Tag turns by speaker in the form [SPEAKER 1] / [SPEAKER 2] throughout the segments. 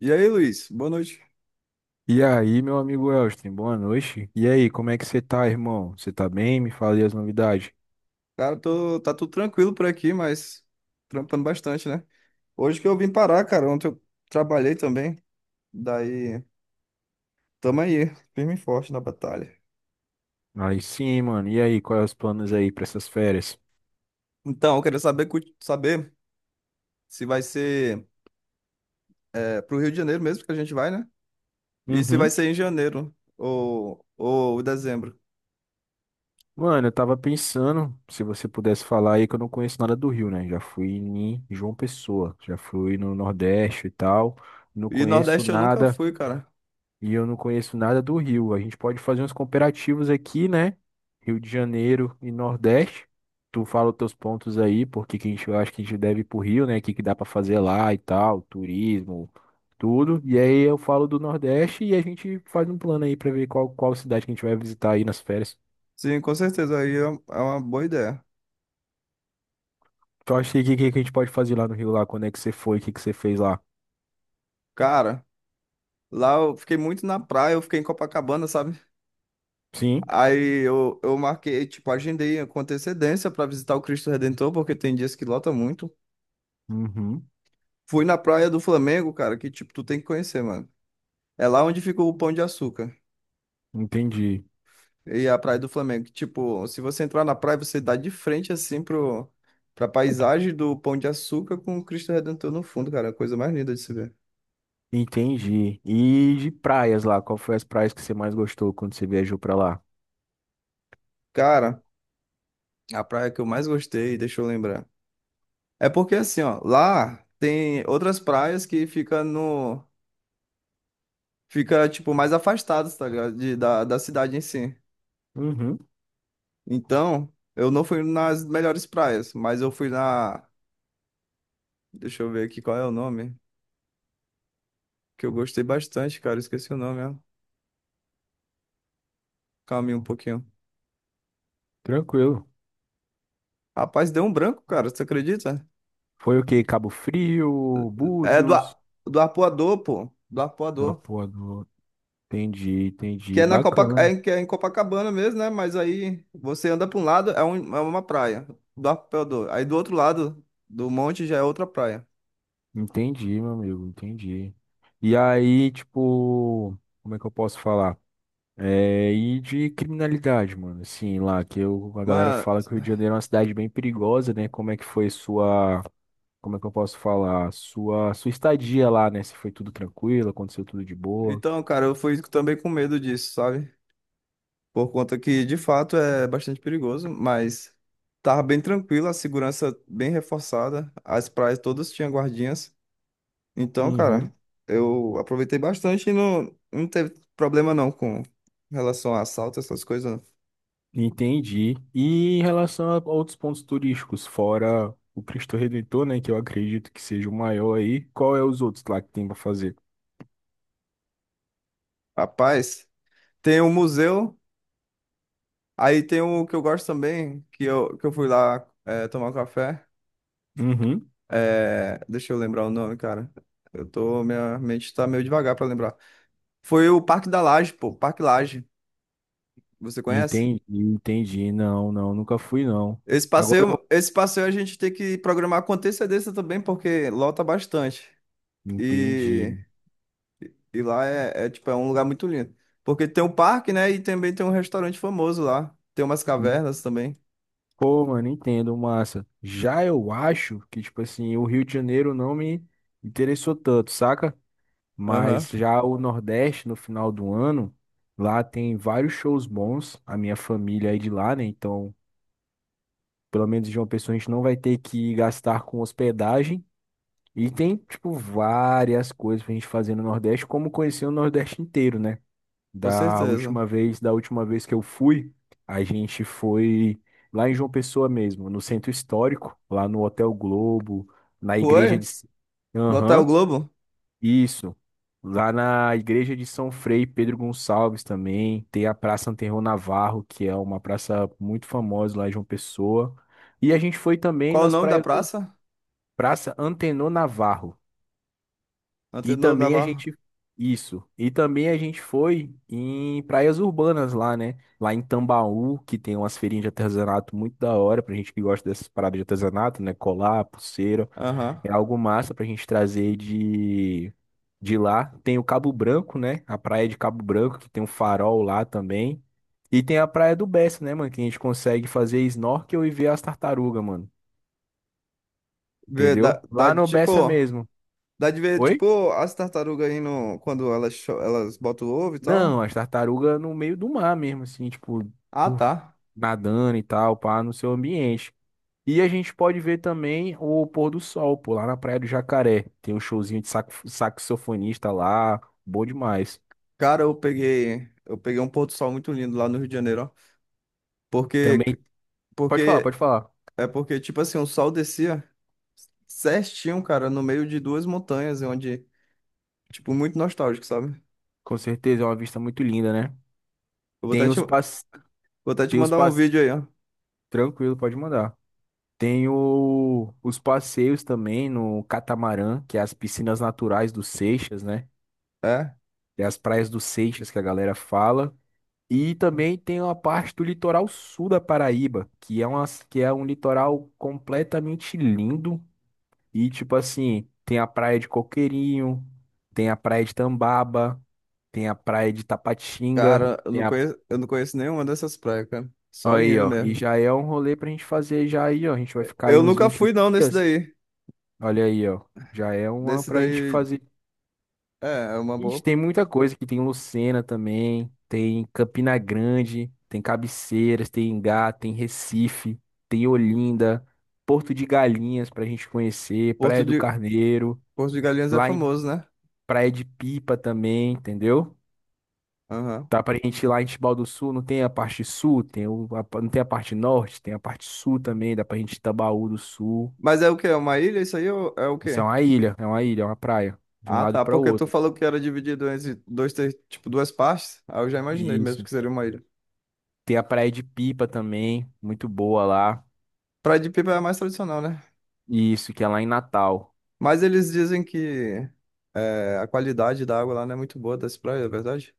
[SPEAKER 1] E aí, Luiz? Boa noite.
[SPEAKER 2] E aí, meu amigo Elston, boa noite. E aí, como é que você tá, irmão? Você tá bem? Me fale as novidades.
[SPEAKER 1] Cara, tô, tá tudo tranquilo por aqui, mas trampando bastante, né? Hoje que eu vim parar, cara, ontem eu trabalhei também. Daí, tamo aí, firme e forte na batalha.
[SPEAKER 2] Aí sim, mano. E aí, quais os planos aí pra essas férias?
[SPEAKER 1] Então, eu queria saber, saber se vai ser pro Rio de Janeiro mesmo que a gente vai, né? E se vai
[SPEAKER 2] Uhum.
[SPEAKER 1] ser em janeiro ou dezembro.
[SPEAKER 2] Mano, eu tava pensando, se você pudesse falar aí que eu não conheço nada do Rio, né? Já fui em João Pessoa, já fui no Nordeste e tal. Não
[SPEAKER 1] E
[SPEAKER 2] conheço
[SPEAKER 1] Nordeste eu nunca
[SPEAKER 2] nada.
[SPEAKER 1] fui, cara.
[SPEAKER 2] E eu não conheço nada do Rio. A gente pode fazer uns comparativos aqui, né? Rio de Janeiro e Nordeste. Tu fala os teus pontos aí, porque que a gente, eu acho que a gente deve ir pro Rio, né? O que que dá pra fazer lá e tal, turismo, tudo. E aí eu falo do Nordeste e a gente faz um plano aí pra ver qual, qual cidade que a gente vai visitar aí nas férias.
[SPEAKER 1] Sim, com certeza, aí é uma boa ideia.
[SPEAKER 2] Tu acha que a gente pode fazer lá no Rio lá? Quando é que você foi? O que que você fez lá?
[SPEAKER 1] Cara, lá eu fiquei muito na praia, eu fiquei em Copacabana, sabe?
[SPEAKER 2] Sim.
[SPEAKER 1] Aí eu marquei, tipo, agendei com antecedência pra visitar o Cristo Redentor, porque tem dias que lota muito.
[SPEAKER 2] Uhum.
[SPEAKER 1] Fui na Praia do Flamengo, cara, que, tipo, tu tem que conhecer, mano. É lá onde fica o Pão de Açúcar
[SPEAKER 2] Entendi.
[SPEAKER 1] e a Praia do Flamengo. Tipo, se você entrar na praia, você dá de frente, assim, pra paisagem do Pão de Açúcar com o Cristo Redentor no fundo, cara. A coisa mais linda de se ver.
[SPEAKER 2] Entendi. E de praias lá, qual foi as praias que você mais gostou quando você viajou pra lá?
[SPEAKER 1] Cara, a praia que eu mais gostei, deixa eu lembrar. É porque, assim, ó, lá tem outras praias que ficam no fica, tipo, mais afastado, tá ligado? Da, da cidade em si.
[SPEAKER 2] Uhum,
[SPEAKER 1] Então, eu não fui nas melhores praias, mas eu fui na. Deixa eu ver aqui qual é o nome. Que eu gostei bastante, cara. Esqueci o nome, ó. Calma aí um pouquinho.
[SPEAKER 2] tranquilo.
[SPEAKER 1] Rapaz, deu um branco, cara. Você acredita?
[SPEAKER 2] Foi o que Cabo Frio,
[SPEAKER 1] É do,
[SPEAKER 2] Búzios,
[SPEAKER 1] A- do Arpoador, pô. Do Arpoador.
[SPEAKER 2] Lapuador. Entendi,
[SPEAKER 1] Que
[SPEAKER 2] entendi.
[SPEAKER 1] é na
[SPEAKER 2] Bacana.
[SPEAKER 1] que é em Copacabana mesmo, né? Mas aí você anda pra um lado, é uma praia. Do Arpoador. Aí do outro lado do monte já é outra praia.
[SPEAKER 2] Entendi, meu amigo, entendi. E aí, tipo, como é que eu posso falar? É, e de criminalidade, mano. Assim, lá que eu, a galera
[SPEAKER 1] Mano.
[SPEAKER 2] fala que o Rio de Janeiro é uma cidade bem perigosa, né? Como é que foi sua, como é que eu posso falar? Sua, sua estadia lá, né? Se foi tudo tranquilo, aconteceu tudo de boa.
[SPEAKER 1] Então, cara, eu fui também com medo disso, sabe? Por conta que, de fato, é bastante perigoso, mas tava bem tranquilo, a segurança bem reforçada, as praias todas tinham guardinhas. Então,
[SPEAKER 2] Uhum.
[SPEAKER 1] cara, eu aproveitei bastante e não teve problema não com relação a assalto, essas coisas. Não.
[SPEAKER 2] Entendi. E em relação a outros pontos turísticos, fora o Cristo Redentor, né, que eu acredito que seja o maior aí, qual é os outros lá que tem para fazer?
[SPEAKER 1] Rapaz, tem o museu, aí tem o que eu gosto também, que eu fui lá tomar um café.
[SPEAKER 2] Uhum.
[SPEAKER 1] Deixa eu lembrar o nome, cara. Eu tô, minha mente tá meio devagar pra lembrar. Foi o Parque da Laje, pô, Parque Laje. Você conhece?
[SPEAKER 2] Entendi, entendi. Não, não, nunca fui não. Agora eu vou.
[SPEAKER 1] Esse passeio a gente tem que programar com antecedência também, porque lota bastante. E,
[SPEAKER 2] Entendi.
[SPEAKER 1] e lá é, tipo, é um lugar muito lindo. Porque tem um parque, né? E também tem um restaurante famoso lá. Tem umas cavernas também.
[SPEAKER 2] Pô, mano, entendo, massa. Já eu acho que, tipo assim, o Rio de Janeiro não me interessou tanto, saca?
[SPEAKER 1] Aham,
[SPEAKER 2] Mas já o Nordeste, no final do ano, lá tem vários shows bons. A minha família é de lá, né? Então pelo menos em João Pessoa a gente não vai ter que gastar com hospedagem. E tem, tipo, várias coisas pra gente fazer no Nordeste, como conhecer o Nordeste inteiro, né?
[SPEAKER 1] com
[SPEAKER 2] Da
[SPEAKER 1] certeza.
[SPEAKER 2] última vez, da última vez que eu fui, a gente foi lá em João Pessoa mesmo, no centro histórico, lá no Hotel Globo, na igreja
[SPEAKER 1] Foi?
[SPEAKER 2] de.
[SPEAKER 1] No Hotel
[SPEAKER 2] Aham.
[SPEAKER 1] Globo?
[SPEAKER 2] Isso. Lá na igreja de São Frei Pedro Gonçalves também tem a Praça Anterro Navarro, que é uma praça muito famosa lá em João Pessoa. E a gente foi também
[SPEAKER 1] Qual o
[SPEAKER 2] nas
[SPEAKER 1] nome da
[SPEAKER 2] praias do
[SPEAKER 1] praça?
[SPEAKER 2] Praça Antenor Navarro. E
[SPEAKER 1] Antenor
[SPEAKER 2] também a
[SPEAKER 1] Navarro.
[SPEAKER 2] gente Isso. E também a gente foi em praias urbanas lá, né? Lá em Tambaú, que tem umas feirinhas de artesanato muito da hora pra gente que gosta dessas paradas de artesanato, né? Colar, pulseira.
[SPEAKER 1] Aham.
[SPEAKER 2] É algo massa pra gente trazer de lá. Tem o Cabo Branco, né? A praia de Cabo Branco, que tem um farol lá também. E tem a praia do Bessa, né, mano? Que a gente consegue fazer snorkel e ver as tartarugas, mano.
[SPEAKER 1] Vê, Dá,
[SPEAKER 2] Entendeu?
[SPEAKER 1] dá
[SPEAKER 2] Lá
[SPEAKER 1] de
[SPEAKER 2] no
[SPEAKER 1] tipo.
[SPEAKER 2] Bessa mesmo.
[SPEAKER 1] Dá de ver,
[SPEAKER 2] Oi?
[SPEAKER 1] tipo, as tartarugas aí no, quando elas, elas botam o ovo e tal.
[SPEAKER 2] Não, as tartarugas no meio do mar mesmo, assim, tipo,
[SPEAKER 1] Ah,
[SPEAKER 2] puf,
[SPEAKER 1] tá.
[SPEAKER 2] nadando e tal, pá, no seu ambiente. E a gente pode ver também o pôr do sol, pô, lá na Praia do Jacaré. Tem um showzinho de saxofonista lá, bom demais.
[SPEAKER 1] Cara, eu peguei um pôr do sol muito lindo lá no Rio de Janeiro, ó. Porque,
[SPEAKER 2] Também. Pode falar,
[SPEAKER 1] porque,
[SPEAKER 2] pode falar.
[SPEAKER 1] porque, tipo assim, o sol descia certinho, cara, no meio de duas montanhas, onde, tipo, muito nostálgico, sabe?
[SPEAKER 2] Com certeza, é uma vista muito linda, né?
[SPEAKER 1] Eu
[SPEAKER 2] Tem os
[SPEAKER 1] vou
[SPEAKER 2] passe,
[SPEAKER 1] até te
[SPEAKER 2] Tem os
[SPEAKER 1] mandar um
[SPEAKER 2] passe
[SPEAKER 1] vídeo aí, ó.
[SPEAKER 2] Tranquilo, pode mandar. Os passeios também no catamarã, que é as piscinas naturais do Seixas, né?
[SPEAKER 1] É,
[SPEAKER 2] Tem as praias do Seixas que a galera fala. E também tem uma parte do litoral sul da Paraíba, que é uma, que é um litoral completamente lindo. E, tipo assim, tem a praia de Coqueirinho, tem a praia de Tambaba, tem a praia de Tapatinga.
[SPEAKER 1] cara, eu não conheço nenhuma dessas praias, cara. Só
[SPEAKER 2] Aí,
[SPEAKER 1] indo
[SPEAKER 2] ó. E
[SPEAKER 1] mesmo.
[SPEAKER 2] já é um rolê pra gente fazer já aí, ó. A gente vai ficar aí
[SPEAKER 1] Eu
[SPEAKER 2] uns
[SPEAKER 1] nunca
[SPEAKER 2] vinte
[SPEAKER 1] fui, não, nesse
[SPEAKER 2] dias.
[SPEAKER 1] daí.
[SPEAKER 2] Olha aí, ó. Já é uma
[SPEAKER 1] Nesse
[SPEAKER 2] pra gente
[SPEAKER 1] daí,
[SPEAKER 2] fazer.
[SPEAKER 1] é, é uma
[SPEAKER 2] Ixi,
[SPEAKER 1] boa.
[SPEAKER 2] tem muita coisa aqui. Tem Lucena também. Tem Campina Grande. Tem Cabeceiras. Tem Engá. Tem Recife. Tem Olinda. Porto de Galinhas pra gente conhecer.
[SPEAKER 1] Porto
[SPEAKER 2] Praia do
[SPEAKER 1] de,
[SPEAKER 2] Carneiro.
[SPEAKER 1] Porto de Galinhas é
[SPEAKER 2] Lá em
[SPEAKER 1] famoso, né?
[SPEAKER 2] Praia de Pipa também, entendeu?
[SPEAKER 1] Aham.
[SPEAKER 2] Dá pra gente ir lá em Tibau do Sul, não tem a parte sul, tem o, a, não tem a parte norte, tem a parte sul também, dá pra gente ir Itabaú do Sul.
[SPEAKER 1] Mas é o quê? É uma ilha isso aí ou é o
[SPEAKER 2] Isso é
[SPEAKER 1] quê?
[SPEAKER 2] uma ilha, é uma ilha, é uma praia, de um
[SPEAKER 1] Ah,
[SPEAKER 2] lado
[SPEAKER 1] tá.
[SPEAKER 2] para o
[SPEAKER 1] Porque tu
[SPEAKER 2] outro.
[SPEAKER 1] falou que era dividido entre dois, tipo, duas partes. Aí eu já imaginei mesmo
[SPEAKER 2] Isso.
[SPEAKER 1] que seria uma ilha.
[SPEAKER 2] Tem a praia de Pipa também, muito boa lá.
[SPEAKER 1] Praia de Pipa é mais tradicional, né?
[SPEAKER 2] Isso, que é lá em Natal.
[SPEAKER 1] Mas eles dizem que é, a qualidade da água lá não é muito boa das praias, é verdade?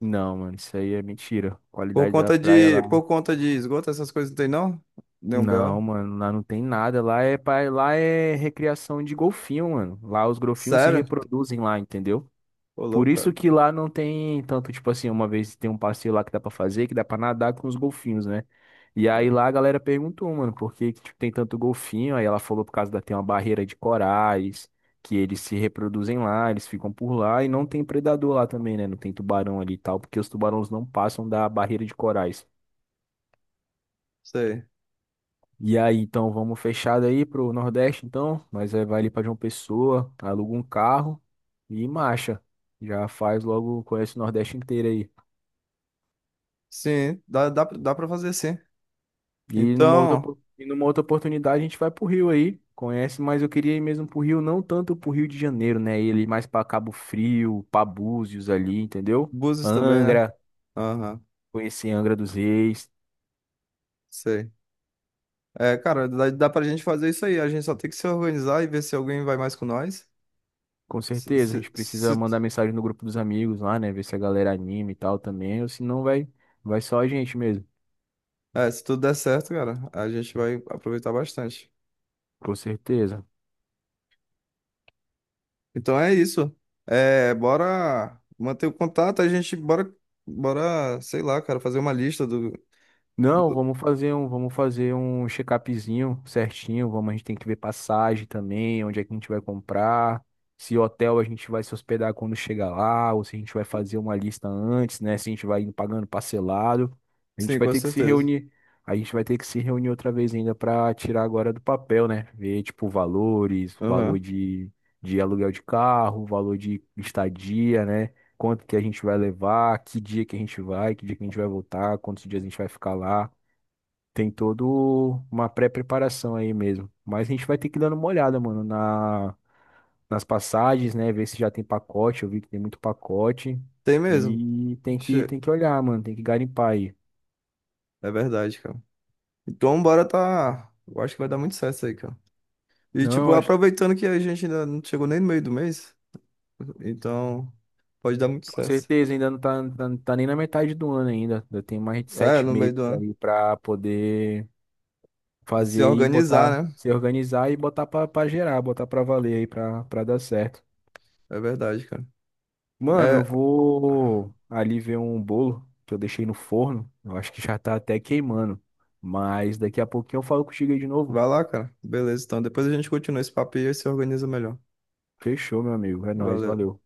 [SPEAKER 2] Não, mano, isso aí é mentira. Qualidade da praia lá.
[SPEAKER 1] Por conta de esgoto, essas coisas não tem não? Nenhum BO?
[SPEAKER 2] Não, mano, lá não tem nada. Lá é, lá é recriação de golfinho, mano. Lá os golfinhos se
[SPEAKER 1] Sério?
[SPEAKER 2] reproduzem lá, entendeu?
[SPEAKER 1] Ô,
[SPEAKER 2] Por
[SPEAKER 1] louco,
[SPEAKER 2] isso
[SPEAKER 1] cara.
[SPEAKER 2] que lá não tem tanto, tipo assim, uma vez tem um passeio lá que dá pra fazer, que dá pra nadar com os golfinhos, né? E aí lá a galera perguntou, mano, por que que, tipo, tem tanto golfinho? Aí ela falou por causa da, tem uma barreira de corais, que eles se reproduzem lá, eles ficam por lá e não tem predador lá também, né? Não tem tubarão ali e tal, porque os tubarões não passam da barreira de corais.
[SPEAKER 1] Sei.
[SPEAKER 2] E aí, então vamos fechado aí pro Nordeste, então, mas aí vai ali pra João Pessoa, aluga um carro e marcha. Já faz logo, conhece o Nordeste inteiro aí.
[SPEAKER 1] Sim, dá pra fazer sim. Então,
[SPEAKER 2] E numa outra oportunidade a gente vai pro Rio aí, conhece, mas eu queria ir mesmo pro Rio, não tanto pro Rio de Janeiro, né? Ele mais pra Cabo Frio, pra Búzios ali, entendeu?
[SPEAKER 1] Búzios também, né?
[SPEAKER 2] Angra,
[SPEAKER 1] Aham,
[SPEAKER 2] conhecer Angra dos Reis.
[SPEAKER 1] sei. É, cara, dá pra gente fazer isso aí. A gente só tem que se organizar e ver se alguém vai mais com nós.
[SPEAKER 2] Com
[SPEAKER 1] Se,
[SPEAKER 2] certeza, a
[SPEAKER 1] se,
[SPEAKER 2] gente precisa
[SPEAKER 1] se-
[SPEAKER 2] mandar mensagem no grupo dos amigos lá, né? Ver se a galera anima e tal também, ou se não vai, vai só a gente mesmo.
[SPEAKER 1] é, se tudo der certo, cara, a gente vai aproveitar bastante.
[SPEAKER 2] Com certeza.
[SPEAKER 1] Então é isso. É, bora manter o contato, a gente bora, bora, sei lá, cara, fazer uma lista
[SPEAKER 2] Não,
[SPEAKER 1] do-
[SPEAKER 2] vamos fazer um check-upzinho certinho. Vamos, a gente tem que ver passagem também, onde é que a gente vai comprar, se hotel a gente vai se hospedar quando chegar lá, ou se a gente vai fazer uma lista antes, né? Se a gente vai indo pagando parcelado. A gente
[SPEAKER 1] Sim,
[SPEAKER 2] vai
[SPEAKER 1] com
[SPEAKER 2] ter que se
[SPEAKER 1] certeza.
[SPEAKER 2] reunir. A gente vai ter que se reunir outra vez ainda para tirar agora do papel, né? Ver, tipo, valores, valor
[SPEAKER 1] Aham.
[SPEAKER 2] de aluguel de carro, valor de estadia, né? Quanto que a gente vai levar, que dia que a gente vai, que dia que a gente vai voltar, quantos dias a gente vai ficar lá. Tem todo uma pré-preparação aí mesmo. Mas a gente vai ter que dar uma olhada, mano, na, nas passagens, né? Ver se já tem pacote. Eu vi que tem muito pacote.
[SPEAKER 1] Tem mesmo.
[SPEAKER 2] E tem que,
[SPEAKER 1] Che-
[SPEAKER 2] tem que olhar, mano. Tem que garimpar aí.
[SPEAKER 1] É verdade, cara. Então bora tá. Eu acho que vai dar muito certo isso aí, cara. E
[SPEAKER 2] Não,
[SPEAKER 1] tipo,
[SPEAKER 2] eu acho,
[SPEAKER 1] aproveitando que a gente ainda não chegou nem no meio do mês, então pode dar muito
[SPEAKER 2] com
[SPEAKER 1] certo.
[SPEAKER 2] certeza, ainda não tá, tá nem na metade do ano ainda. Ainda tem mais de
[SPEAKER 1] É,
[SPEAKER 2] sete
[SPEAKER 1] no meio
[SPEAKER 2] meses
[SPEAKER 1] do ano.
[SPEAKER 2] aí pra poder
[SPEAKER 1] E se
[SPEAKER 2] fazer aí, botar,
[SPEAKER 1] organizar, né?
[SPEAKER 2] se organizar e botar pra, pra gerar, botar pra valer aí, pra dar certo.
[SPEAKER 1] É verdade, cara.
[SPEAKER 2] Mano, eu
[SPEAKER 1] É.
[SPEAKER 2] vou ali ver um bolo que eu deixei no forno. Eu acho que já tá até queimando. Mas daqui a pouquinho eu falo contigo aí de novo.
[SPEAKER 1] Vai lá, cara. Beleza, então depois a gente continua esse papo e aí se organiza melhor.
[SPEAKER 2] Fechou, meu amigo. É nóis,
[SPEAKER 1] Valeu.
[SPEAKER 2] valeu.